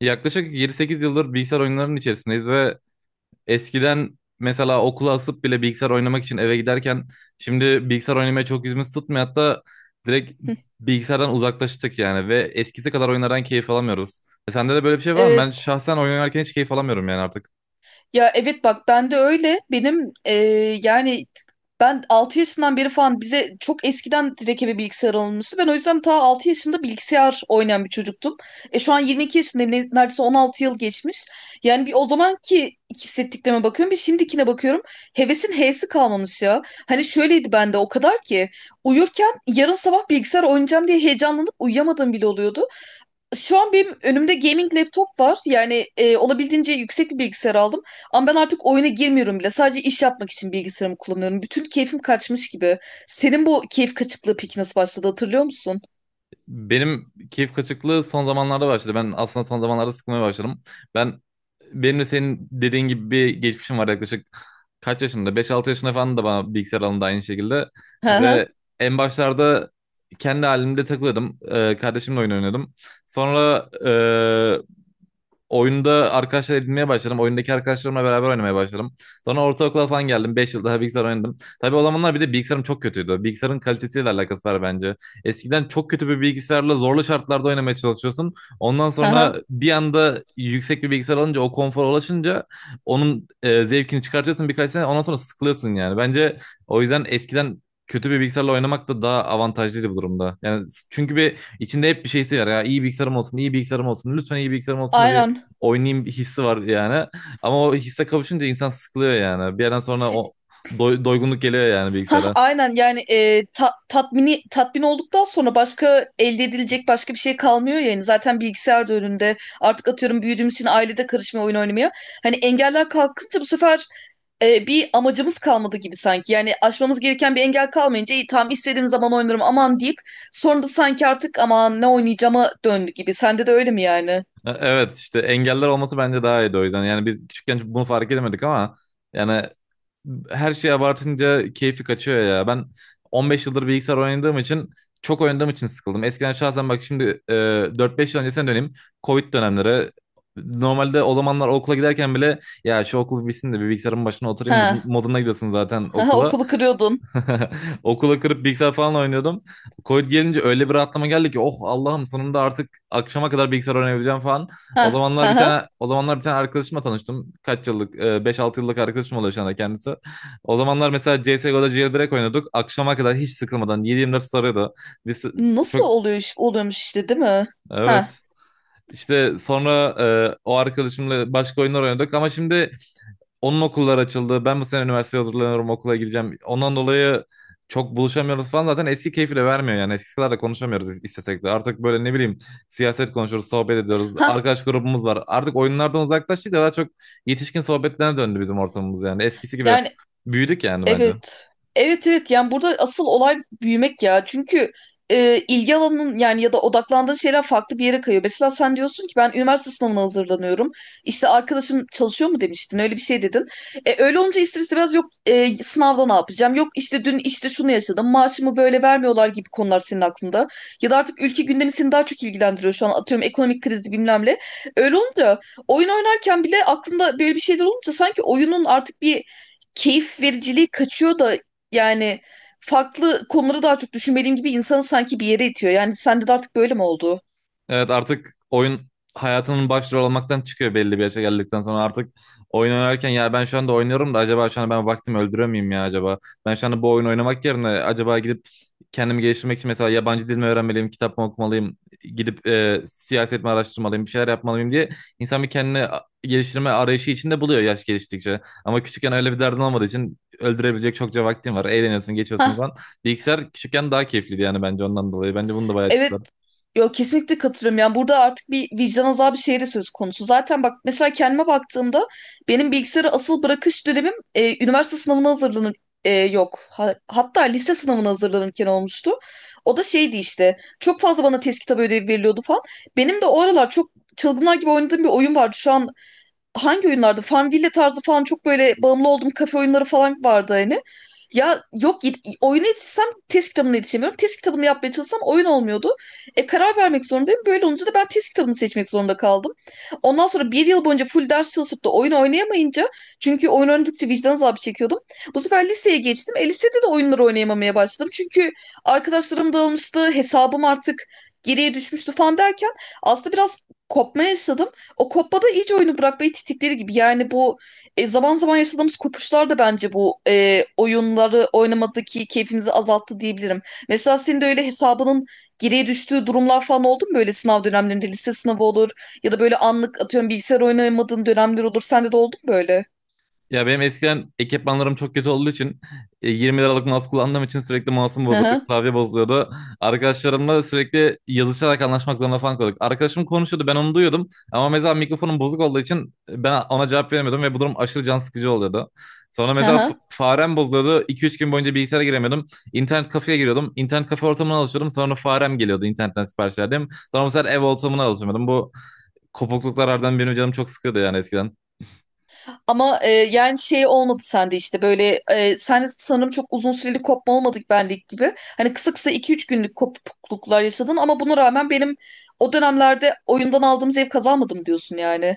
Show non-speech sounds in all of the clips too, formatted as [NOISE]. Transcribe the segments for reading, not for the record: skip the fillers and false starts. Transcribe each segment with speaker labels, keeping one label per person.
Speaker 1: Yaklaşık 7 sekiz yıldır bilgisayar oyunlarının içerisindeyiz ve eskiden mesela okula asıp bile bilgisayar oynamak için eve giderken şimdi bilgisayar oynamaya çok yüzümüz tutmuyor. Hatta direkt bilgisayardan uzaklaştık yani ve eskisi kadar oyunlardan keyif alamıyoruz. E sende de böyle bir şey var mı? Ben
Speaker 2: Evet.
Speaker 1: şahsen oyun oynarken hiç keyif alamıyorum yani artık.
Speaker 2: Ya evet, bak ben de öyle. Benim yani ben 6 yaşından beri falan bize çok eskiden direkt eve bilgisayar alınmıştı. Ben o yüzden ta 6 yaşımda bilgisayar oynayan bir çocuktum. E şu an 22 yaşındayım. Neredeyse 16 yıl geçmiş. Yani bir o zamanki hissettiklerime bakıyorum. Bir şimdikine bakıyorum. Hevesin H'si kalmamış ya. Hani şöyleydi bende, o kadar ki uyurken yarın sabah bilgisayar oynayacağım diye heyecanlanıp uyuyamadığım bile oluyordu. Şu an benim önümde gaming laptop var. Yani olabildiğince yüksek bir bilgisayar aldım. Ama ben artık oyuna girmiyorum bile. Sadece iş yapmak için bilgisayarımı kullanıyorum. Bütün keyfim kaçmış gibi. Senin bu keyif kaçıklığı peki nasıl başladı, hatırlıyor musun?
Speaker 1: Benim keyif kaçıklığı son zamanlarda başladı. Ben aslında son zamanlarda sıkılmaya başladım. Ben benim de senin dediğin gibi bir geçmişim var yaklaşık kaç yaşında? Beş 6 yaşında falan da bana bilgisayar alındı aynı şekilde.
Speaker 2: Hı
Speaker 1: Ve
Speaker 2: hı.
Speaker 1: en başlarda kendi halimde takılıyordum. Kardeşimle oyun oynuyordum. Sonra oyunda arkadaşlar edinmeye başladım. Oyundaki arkadaşlarımla beraber oynamaya başladım. Sonra ortaokula falan geldim. 5 yıl daha bilgisayar oynadım. Tabii o zamanlar bir de bilgisayarım çok kötüydü. Bilgisayarın kalitesiyle alakası var bence. Eskiden çok kötü bir bilgisayarla zorlu şartlarda oynamaya çalışıyorsun. Ondan
Speaker 2: Hı
Speaker 1: sonra
Speaker 2: hı.
Speaker 1: bir anda yüksek bir bilgisayar alınca o konfora ulaşınca onun zevkini çıkartıyorsun birkaç sene. Ondan sonra sıkılıyorsun yani. Bence o yüzden eskiden kötü bir bilgisayarla oynamak da daha avantajlıydı bu durumda. Yani çünkü bir İçinde hep bir şeysi var ya. İyi bilgisayarım olsun, iyi bilgisayarım olsun. Lütfen iyi bilgisayarım olsun da bir
Speaker 2: Aynen.
Speaker 1: oynayayım bir hissi var yani. Ama o hisse kavuşunca insan sıkılıyor yani. Bir yerden sonra o doygunluk geliyor yani
Speaker 2: Hah,
Speaker 1: bilgisayara.
Speaker 2: aynen. Yani tatmini tatmin olduktan sonra başka elde edilecek başka bir şey kalmıyor yani. Zaten bilgisayar da önünde artık, atıyorum, büyüdüğümüz için ailede karışmaya oyun oynamaya, hani, engeller kalkınca bu sefer bir amacımız kalmadı gibi sanki. Yani aşmamız gereken bir engel kalmayınca iyi tamam, istediğim zaman oynarım, aman deyip, sonra da sanki artık aman ne oynayacağıma döndü gibi. Sende de öyle mi yani?
Speaker 1: Evet işte engeller olması bence daha iyiydi o yüzden. Yani biz küçükken bunu fark edemedik ama yani her şeyi abartınca keyfi kaçıyor ya. Ben 15 yıldır bilgisayar oynadığım için çok oynadığım için sıkıldım. Eskiden şahsen bak şimdi 4-5 yıl öncesine döneyim. Covid dönemleri. Normalde o zamanlar okula giderken bile ya şu okul bitsin de bir bilgisayarın başına oturayım
Speaker 2: Ha
Speaker 1: moduna gidiyorsun zaten
Speaker 2: ha,
Speaker 1: okula.
Speaker 2: okulu kırıyordun.
Speaker 1: [LAUGHS] Okula kırıp bilgisayar falan oynuyordum. Covid gelince öyle bir rahatlama geldi ki oh Allah'ım sonunda artık akşama kadar bilgisayar oynayabileceğim falan.
Speaker 2: Ha
Speaker 1: O zamanlar
Speaker 2: ha
Speaker 1: bir
Speaker 2: ha.
Speaker 1: tane o zamanlar bir tane arkadaşımla tanıştım. Kaç yıllık? 5-6 yıllık arkadaşım oluyor şu anda kendisi. O zamanlar mesela CS:GO'da jailbreak oynuyorduk. Akşama kadar hiç sıkılmadan 7/24 sarıyordu. Biz
Speaker 2: Nasıl
Speaker 1: çok,
Speaker 2: oluyor, oluyormuş işte, değil mi?
Speaker 1: evet.
Speaker 2: Ha
Speaker 1: İşte sonra o arkadaşımla başka oyunlar oynadık ama şimdi onun okullar açıldı. Ben bu sene üniversiteye hazırlanıyorum, okula gideceğim. Ondan dolayı çok buluşamıyoruz falan. Zaten eski keyfi de vermiyor yani. Eskisi kadar da konuşamıyoruz istesek de. Artık böyle ne bileyim siyaset konuşuyoruz, sohbet ediyoruz.
Speaker 2: ha
Speaker 1: Arkadaş grubumuz var. Artık oyunlardan uzaklaştık da daha çok yetişkin sohbetlerine döndü bizim ortamımız yani. Eskisi gibi
Speaker 2: yani.
Speaker 1: büyüdük yani bence.
Speaker 2: Evet. Evet, evet, yani burada asıl olay büyümek ya. Çünkü ilgi alanının, yani ya da odaklandığın şeyler farklı bir yere kayıyor. Mesela sen diyorsun ki ben üniversite sınavına hazırlanıyorum. İşte arkadaşım çalışıyor mu demiştin, öyle bir şey dedin. E, öyle olunca ister istemez, yok sınavda ne yapacağım, yok işte dün işte şunu yaşadım, maaşımı böyle vermiyorlar gibi konular senin aklında. Ya da artık ülke gündemi seni daha çok ilgilendiriyor şu an, atıyorum, ekonomik krizi bilmem ne. Öyle olunca, oyun oynarken bile aklında böyle bir şeyler olunca, sanki oyunun artık bir keyif vericiliği kaçıyor da yani farklı konuları daha çok düşünmeliyim gibi insanı sanki bir yere itiyor. Yani sende de artık böyle mi oldu?
Speaker 1: Evet artık oyun hayatının başrol olmaktan çıkıyor belli bir yaşa geldikten sonra artık oyun oynarken ya ben şu anda oynuyorum da acaba şu anda ben vaktimi öldürüyor muyum ya acaba? Ben şu anda bu oyunu oynamak yerine acaba gidip kendimi geliştirmek için mesela yabancı dil mi öğrenmeliyim, kitap mı okumalıyım, gidip siyaset mi araştırmalıyım, bir şeyler yapmalıyım diye insan bir kendini geliştirme arayışı içinde buluyor yaş geliştikçe. Ama küçükken öyle bir derdin olmadığı için öldürebilecek çokça vaktin var. Eğleniyorsun, geçiyorsun
Speaker 2: Hah,
Speaker 1: falan. Bilgisayar küçükken daha keyifliydi yani bence ondan dolayı. Bence bunun da bayağı
Speaker 2: evet.
Speaker 1: etkisi var.
Speaker 2: Yo, kesinlikle katılıyorum. Yani burada artık bir vicdan azabı şeyi de söz konusu. Zaten bak, mesela kendime baktığımda benim bilgisayarı asıl bırakış dönemim üniversite sınavına hazırlanır yok, hatta lise sınavına hazırlanırken olmuştu. O da şeydi işte, çok fazla bana test kitabı ödevi veriliyordu falan. Benim de o aralar çok çılgınlar gibi oynadığım bir oyun vardı. Şu an hangi oyunlarda? Farmville tarzı falan, çok böyle bağımlı olduğum kafe oyunları falan vardı hani. Ya yok, oyuna yetişsem test kitabına yetişemiyorum. Test kitabını yapmaya çalışsam oyun olmuyordu. E karar vermek zorundayım. Böyle olunca da ben test kitabını seçmek zorunda kaldım. Ondan sonra bir yıl boyunca full ders çalışıp da oyun oynayamayınca, çünkü oyun oynadıkça vicdan azabı çekiyordum. Bu sefer liseye geçtim. E lisede de oyunları oynayamamaya başladım. Çünkü arkadaşlarım dağılmıştı, hesabım artık geriye düşmüştü falan derken aslında biraz kopma yaşadım. O kopmada iyice oyunu bırakmayı titikleri gibi. Yani bu zaman zaman yaşadığımız kopuşlar da bence bu oyunları oynamadaki keyfimizi azalttı diyebilirim. Mesela senin de öyle hesabının geriye düştüğü durumlar falan oldu mu böyle sınav dönemlerinde? Lise sınavı olur ya da böyle anlık, atıyorum, bilgisayar oynayamadığın dönemler olur. Sende de oldu mu böyle?
Speaker 1: Ya benim eskiden ekipmanlarım çok kötü olduğu için 20 liralık mouse kullandığım için sürekli mouse'um
Speaker 2: Hı
Speaker 1: bozuldu,
Speaker 2: hı.
Speaker 1: klavye bozuluyordu. Arkadaşlarımla sürekli yazışarak anlaşmak zorunda falan kalıyorduk. Arkadaşım konuşuyordu ben onu duyuyordum ama mesela mikrofonum bozuk olduğu için ben ona cevap veremiyordum ve bu durum aşırı can sıkıcı oluyordu. Sonra
Speaker 2: Hı
Speaker 1: mesela
Speaker 2: hı.
Speaker 1: farem bozuluyordu. İki üç gün boyunca bilgisayara giremiyordum. İnternet kafeye giriyordum. İnternet kafe ortamına alışıyordum. Sonra farem geliyordu internetten sipariş verdim. Sonra mesela ev ortamına alışıyordum. Bu kopukluklar harbiden benim canım çok sıkıyordu yani eskiden.
Speaker 2: Ama yani şey olmadı sende, işte böyle sen sanırım çok uzun süreli kopma olmadık benlik gibi. Hani kısa kısa 2-3 günlük kopukluklar yaşadın ama buna rağmen benim o dönemlerde oyundan aldığım zevk kazanmadım diyorsun yani.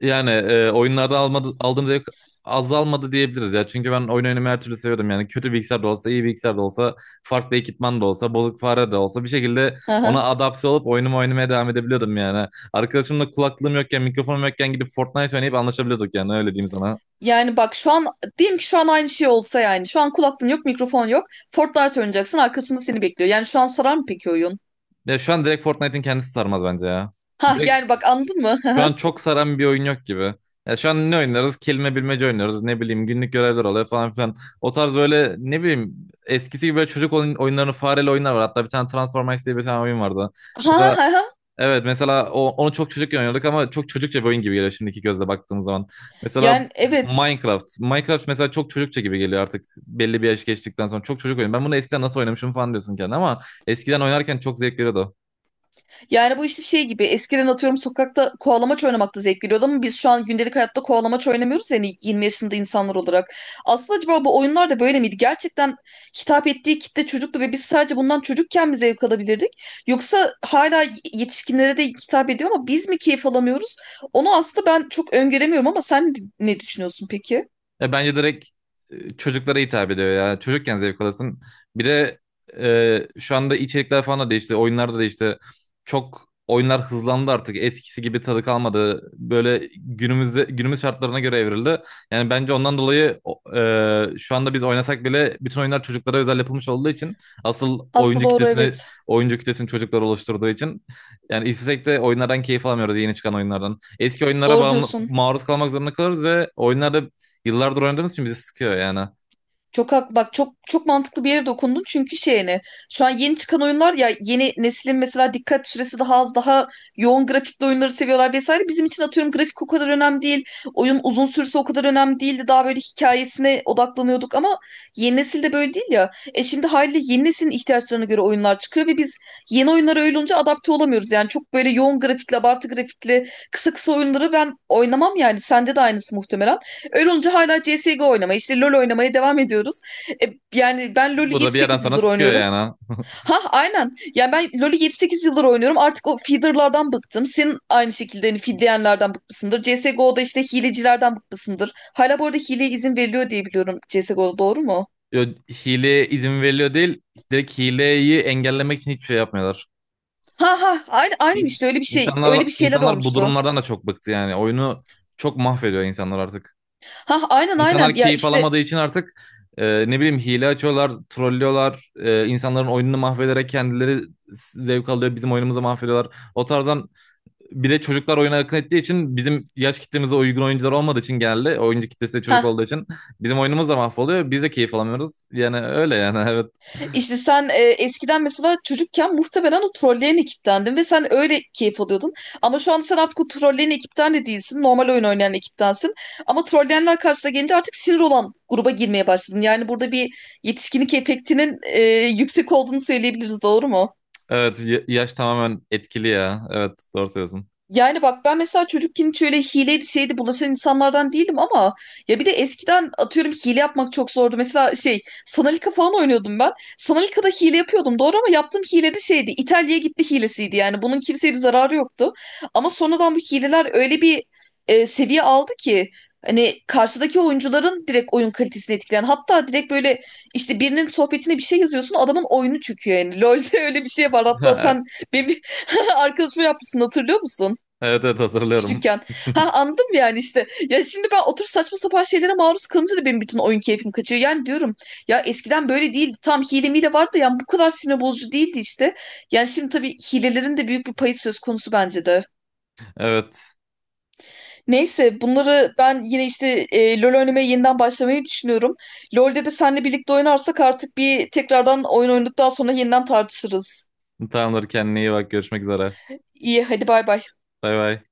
Speaker 1: Yani oyunlarda almadı, aldığım zevk azalmadı diyebiliriz ya. Çünkü ben oyun oynamayı her türlü seviyordum. Yani kötü bilgisayar da olsa, iyi bilgisayar da olsa, farklı ekipman da olsa, bozuk fare de olsa bir şekilde
Speaker 2: Hı
Speaker 1: ona
Speaker 2: hı.
Speaker 1: adapte olup oyunumu oynamaya devam edebiliyordum yani. Arkadaşımla kulaklığım yokken, mikrofonum yokken gidip Fortnite oynayıp anlaşabiliyorduk yani öyle diyeyim sana.
Speaker 2: Yani bak şu an diyelim ki şu an aynı şey olsa, yani şu an kulaklığın yok, mikrofon yok, Fortnite oynayacaksın, arkasında seni bekliyor. Yani şu an sarar mı peki oyun?
Speaker 1: Ya şu an direkt Fortnite'in kendisi sarmaz bence ya.
Speaker 2: Ha
Speaker 1: Direkt
Speaker 2: yani, bak, anladın mı?
Speaker 1: şu an
Speaker 2: [LAUGHS]
Speaker 1: çok saran bir oyun yok gibi. Ya şu an ne oynarız? Kelime bilmece oynarız. Ne bileyim günlük görevler oluyor falan filan. O tarz böyle ne bileyim eskisi gibi böyle çocuk oyunlarını fareli oyunlar var. Hatta bir tane Transformers diye bir tane oyun vardı.
Speaker 2: Ha ha
Speaker 1: Mesela
Speaker 2: ha. Ha.
Speaker 1: evet mesela onu çok çocukken oynuyorduk ama çok çocukça bir oyun gibi geliyor şimdiki gözle baktığım zaman. Mesela
Speaker 2: Yani evet.
Speaker 1: Minecraft. Minecraft mesela çok çocukça gibi geliyor artık belli bir yaş geçtikten sonra. Çok çocuk oyun. Ben bunu eskiden nasıl oynamışım falan diyorsun kendine ama eskiden oynarken çok zevk veriyordu.
Speaker 2: Yani bu işte şey gibi, eskiden atıyorum sokakta kovalamaç oynamakta zevk geliyordu ama biz şu an gündelik hayatta kovalamaç oynamıyoruz yani, 20 yaşında insanlar olarak. Aslında acaba bu oyunlar da böyle miydi? Gerçekten hitap ettiği kitle çocuktu ve biz sadece bundan çocukken mi zevk alabilirdik? Yoksa hala yetişkinlere de hitap ediyor ama biz mi keyif alamıyoruz? Onu aslında ben çok öngöremiyorum ama sen ne düşünüyorsun peki?
Speaker 1: Ya bence direkt çocuklara hitap ediyor ya. Çocukken zevk alasın. Bir de şu anda içerikler falan da değişti. Oyunlar da değişti. Çok oyunlar hızlandı artık. Eskisi gibi tadı kalmadı. Böyle günümüzde günümüz şartlarına göre evrildi. Yani bence ondan dolayı şu anda biz oynasak bile bütün oyunlar çocuklara özel yapılmış olduğu için asıl
Speaker 2: Aslında doğru, evet.
Speaker 1: oyuncu kitlesini çocuklar oluşturduğu için yani istesek de oyunlardan keyif alamıyoruz yeni çıkan oyunlardan. Eski oyunlara
Speaker 2: Doğru
Speaker 1: bağımlı,
Speaker 2: diyorsun.
Speaker 1: maruz kalmak zorunda kalırız ve oyunlarda yıllardır oynadığımız için bizi sıkıyor yani.
Speaker 2: Çok hak, bak, çok çok mantıklı bir yere dokundun çünkü şeyini, şu an yeni çıkan oyunlar ya, yeni neslin mesela dikkat süresi daha az, daha yoğun grafikli oyunları seviyorlar vesaire, bizim için atıyorum grafik o kadar önemli değil, oyun uzun sürse o kadar önemli değildi, daha böyle hikayesine odaklanıyorduk ama yeni nesil de böyle değil ya. Şimdi haliyle yeni neslin ihtiyaçlarına göre oyunlar çıkıyor ve biz yeni oyunlara, öyle olunca, adapte olamıyoruz yani, çok böyle yoğun grafikli, abartı grafikli, kısa kısa oyunları ben oynamam yani, sende de aynısı muhtemelen. Öyle olunca hala CSGO oynamaya, işte LoL oynamaya devam ediyoruz. E, yani ben LoL'ü
Speaker 1: Bu da bir yerden
Speaker 2: 7-8
Speaker 1: sonra
Speaker 2: yıldır
Speaker 1: sıkıyor
Speaker 2: oynuyorum.
Speaker 1: yani.
Speaker 2: Ha aynen. Yani ben LoL'ü 7-8 yıldır oynuyorum. Artık o feederlardan bıktım. Senin aynı şekilde hani feedleyenlerden bıkmışsındır. CSGO'da işte hilecilerden bıkmışsındır. Hala bu arada hileye izin veriliyor diye biliyorum CSGO'da, doğru mu?
Speaker 1: Hileye izin veriliyor değil. Direkt hileyi engellemek için hiçbir şey yapmıyorlar.
Speaker 2: Ha ha, aynen, aynen
Speaker 1: İ-
Speaker 2: işte öyle bir şey, öyle
Speaker 1: İnsanlar,
Speaker 2: bir şeyler
Speaker 1: insanlar bu
Speaker 2: olmuştu.
Speaker 1: durumlardan da çok bıktı yani. Oyunu çok mahvediyor insanlar artık.
Speaker 2: Ha aynen, aynen
Speaker 1: İnsanlar
Speaker 2: ya,
Speaker 1: keyif
Speaker 2: işte.
Speaker 1: alamadığı için artık ne bileyim hile açıyorlar, trollüyorlar. E, insanların oyununu mahvederek kendileri zevk alıyor. Bizim oyunumuzu mahvediyorlar. O tarzdan bir de çocuklar oyuna akın ettiği için bizim yaş kitlemize uygun oyuncular olmadığı için geldi. Oyuncu kitlesi çocuk
Speaker 2: Ha.
Speaker 1: olduğu için bizim oyunumuz da mahvoluyor. Biz de keyif alamıyoruz. Yani öyle yani [LAUGHS] evet.
Speaker 2: İşte sen eskiden mesela çocukken muhtemelen o trolleyen ekiptendin ve sen öyle keyif alıyordun. Ama şu anda sen artık o trolleyen ekipten de değilsin. Normal oyun oynayan ekiptensin. Ama trolleyenler karşına gelince artık sinir olan gruba girmeye başladın. Yani burada bir yetişkinlik efektinin yüksek olduğunu söyleyebiliriz, doğru mu?
Speaker 1: Evet yaş tamamen etkili ya. Evet doğru söylüyorsun.
Speaker 2: Yani bak ben mesela çocukken hiç öyle hileydi şeydi bulaşan insanlardan değilim ama, ya, bir de eskiden atıyorum hile yapmak çok zordu. Mesela şey, Sanalika falan oynuyordum ben. Sanalika'da hile yapıyordum doğru, ama yaptığım hile de şeydi, İtalya'ya gitti hilesiydi, yani bunun kimseye bir zararı yoktu. Ama sonradan bu hileler öyle bir seviye aldı ki hani karşıdaki oyuncuların direkt oyun kalitesini etkileyen, hatta direkt böyle işte birinin sohbetine bir şey yazıyorsun, adamın oyunu çöküyor yani. [LAUGHS] LoL'de öyle bir şey var hatta, sen
Speaker 1: [LAUGHS]
Speaker 2: benim bir [LAUGHS] arkadaşıma yapmışsın, hatırlıyor musun?
Speaker 1: Evet evet hatırlıyorum.
Speaker 2: Küçükken.
Speaker 1: [LAUGHS]
Speaker 2: Ha, anladım yani işte. Ya şimdi ben otur, saçma sapan şeylere maruz kalınca da benim bütün oyun keyfim kaçıyor. Yani diyorum ya, eskiden böyle değildi. Tam hile mile vardı da yani bu kadar sinir bozucu değildi işte. Yani şimdi tabii hilelerin de büyük bir payı söz konusu bence de.
Speaker 1: Evet
Speaker 2: Neyse, bunları ben yine işte LoL oynamaya yeniden başlamayı düşünüyorum. LoL'de de seninle birlikte oynarsak artık bir tekrardan oyun oynadıktan sonra yeniden tartışırız.
Speaker 1: tamamdır kendine iyi bak görüşmek üzere.
Speaker 2: İyi, hadi bay bay.
Speaker 1: Bay bay.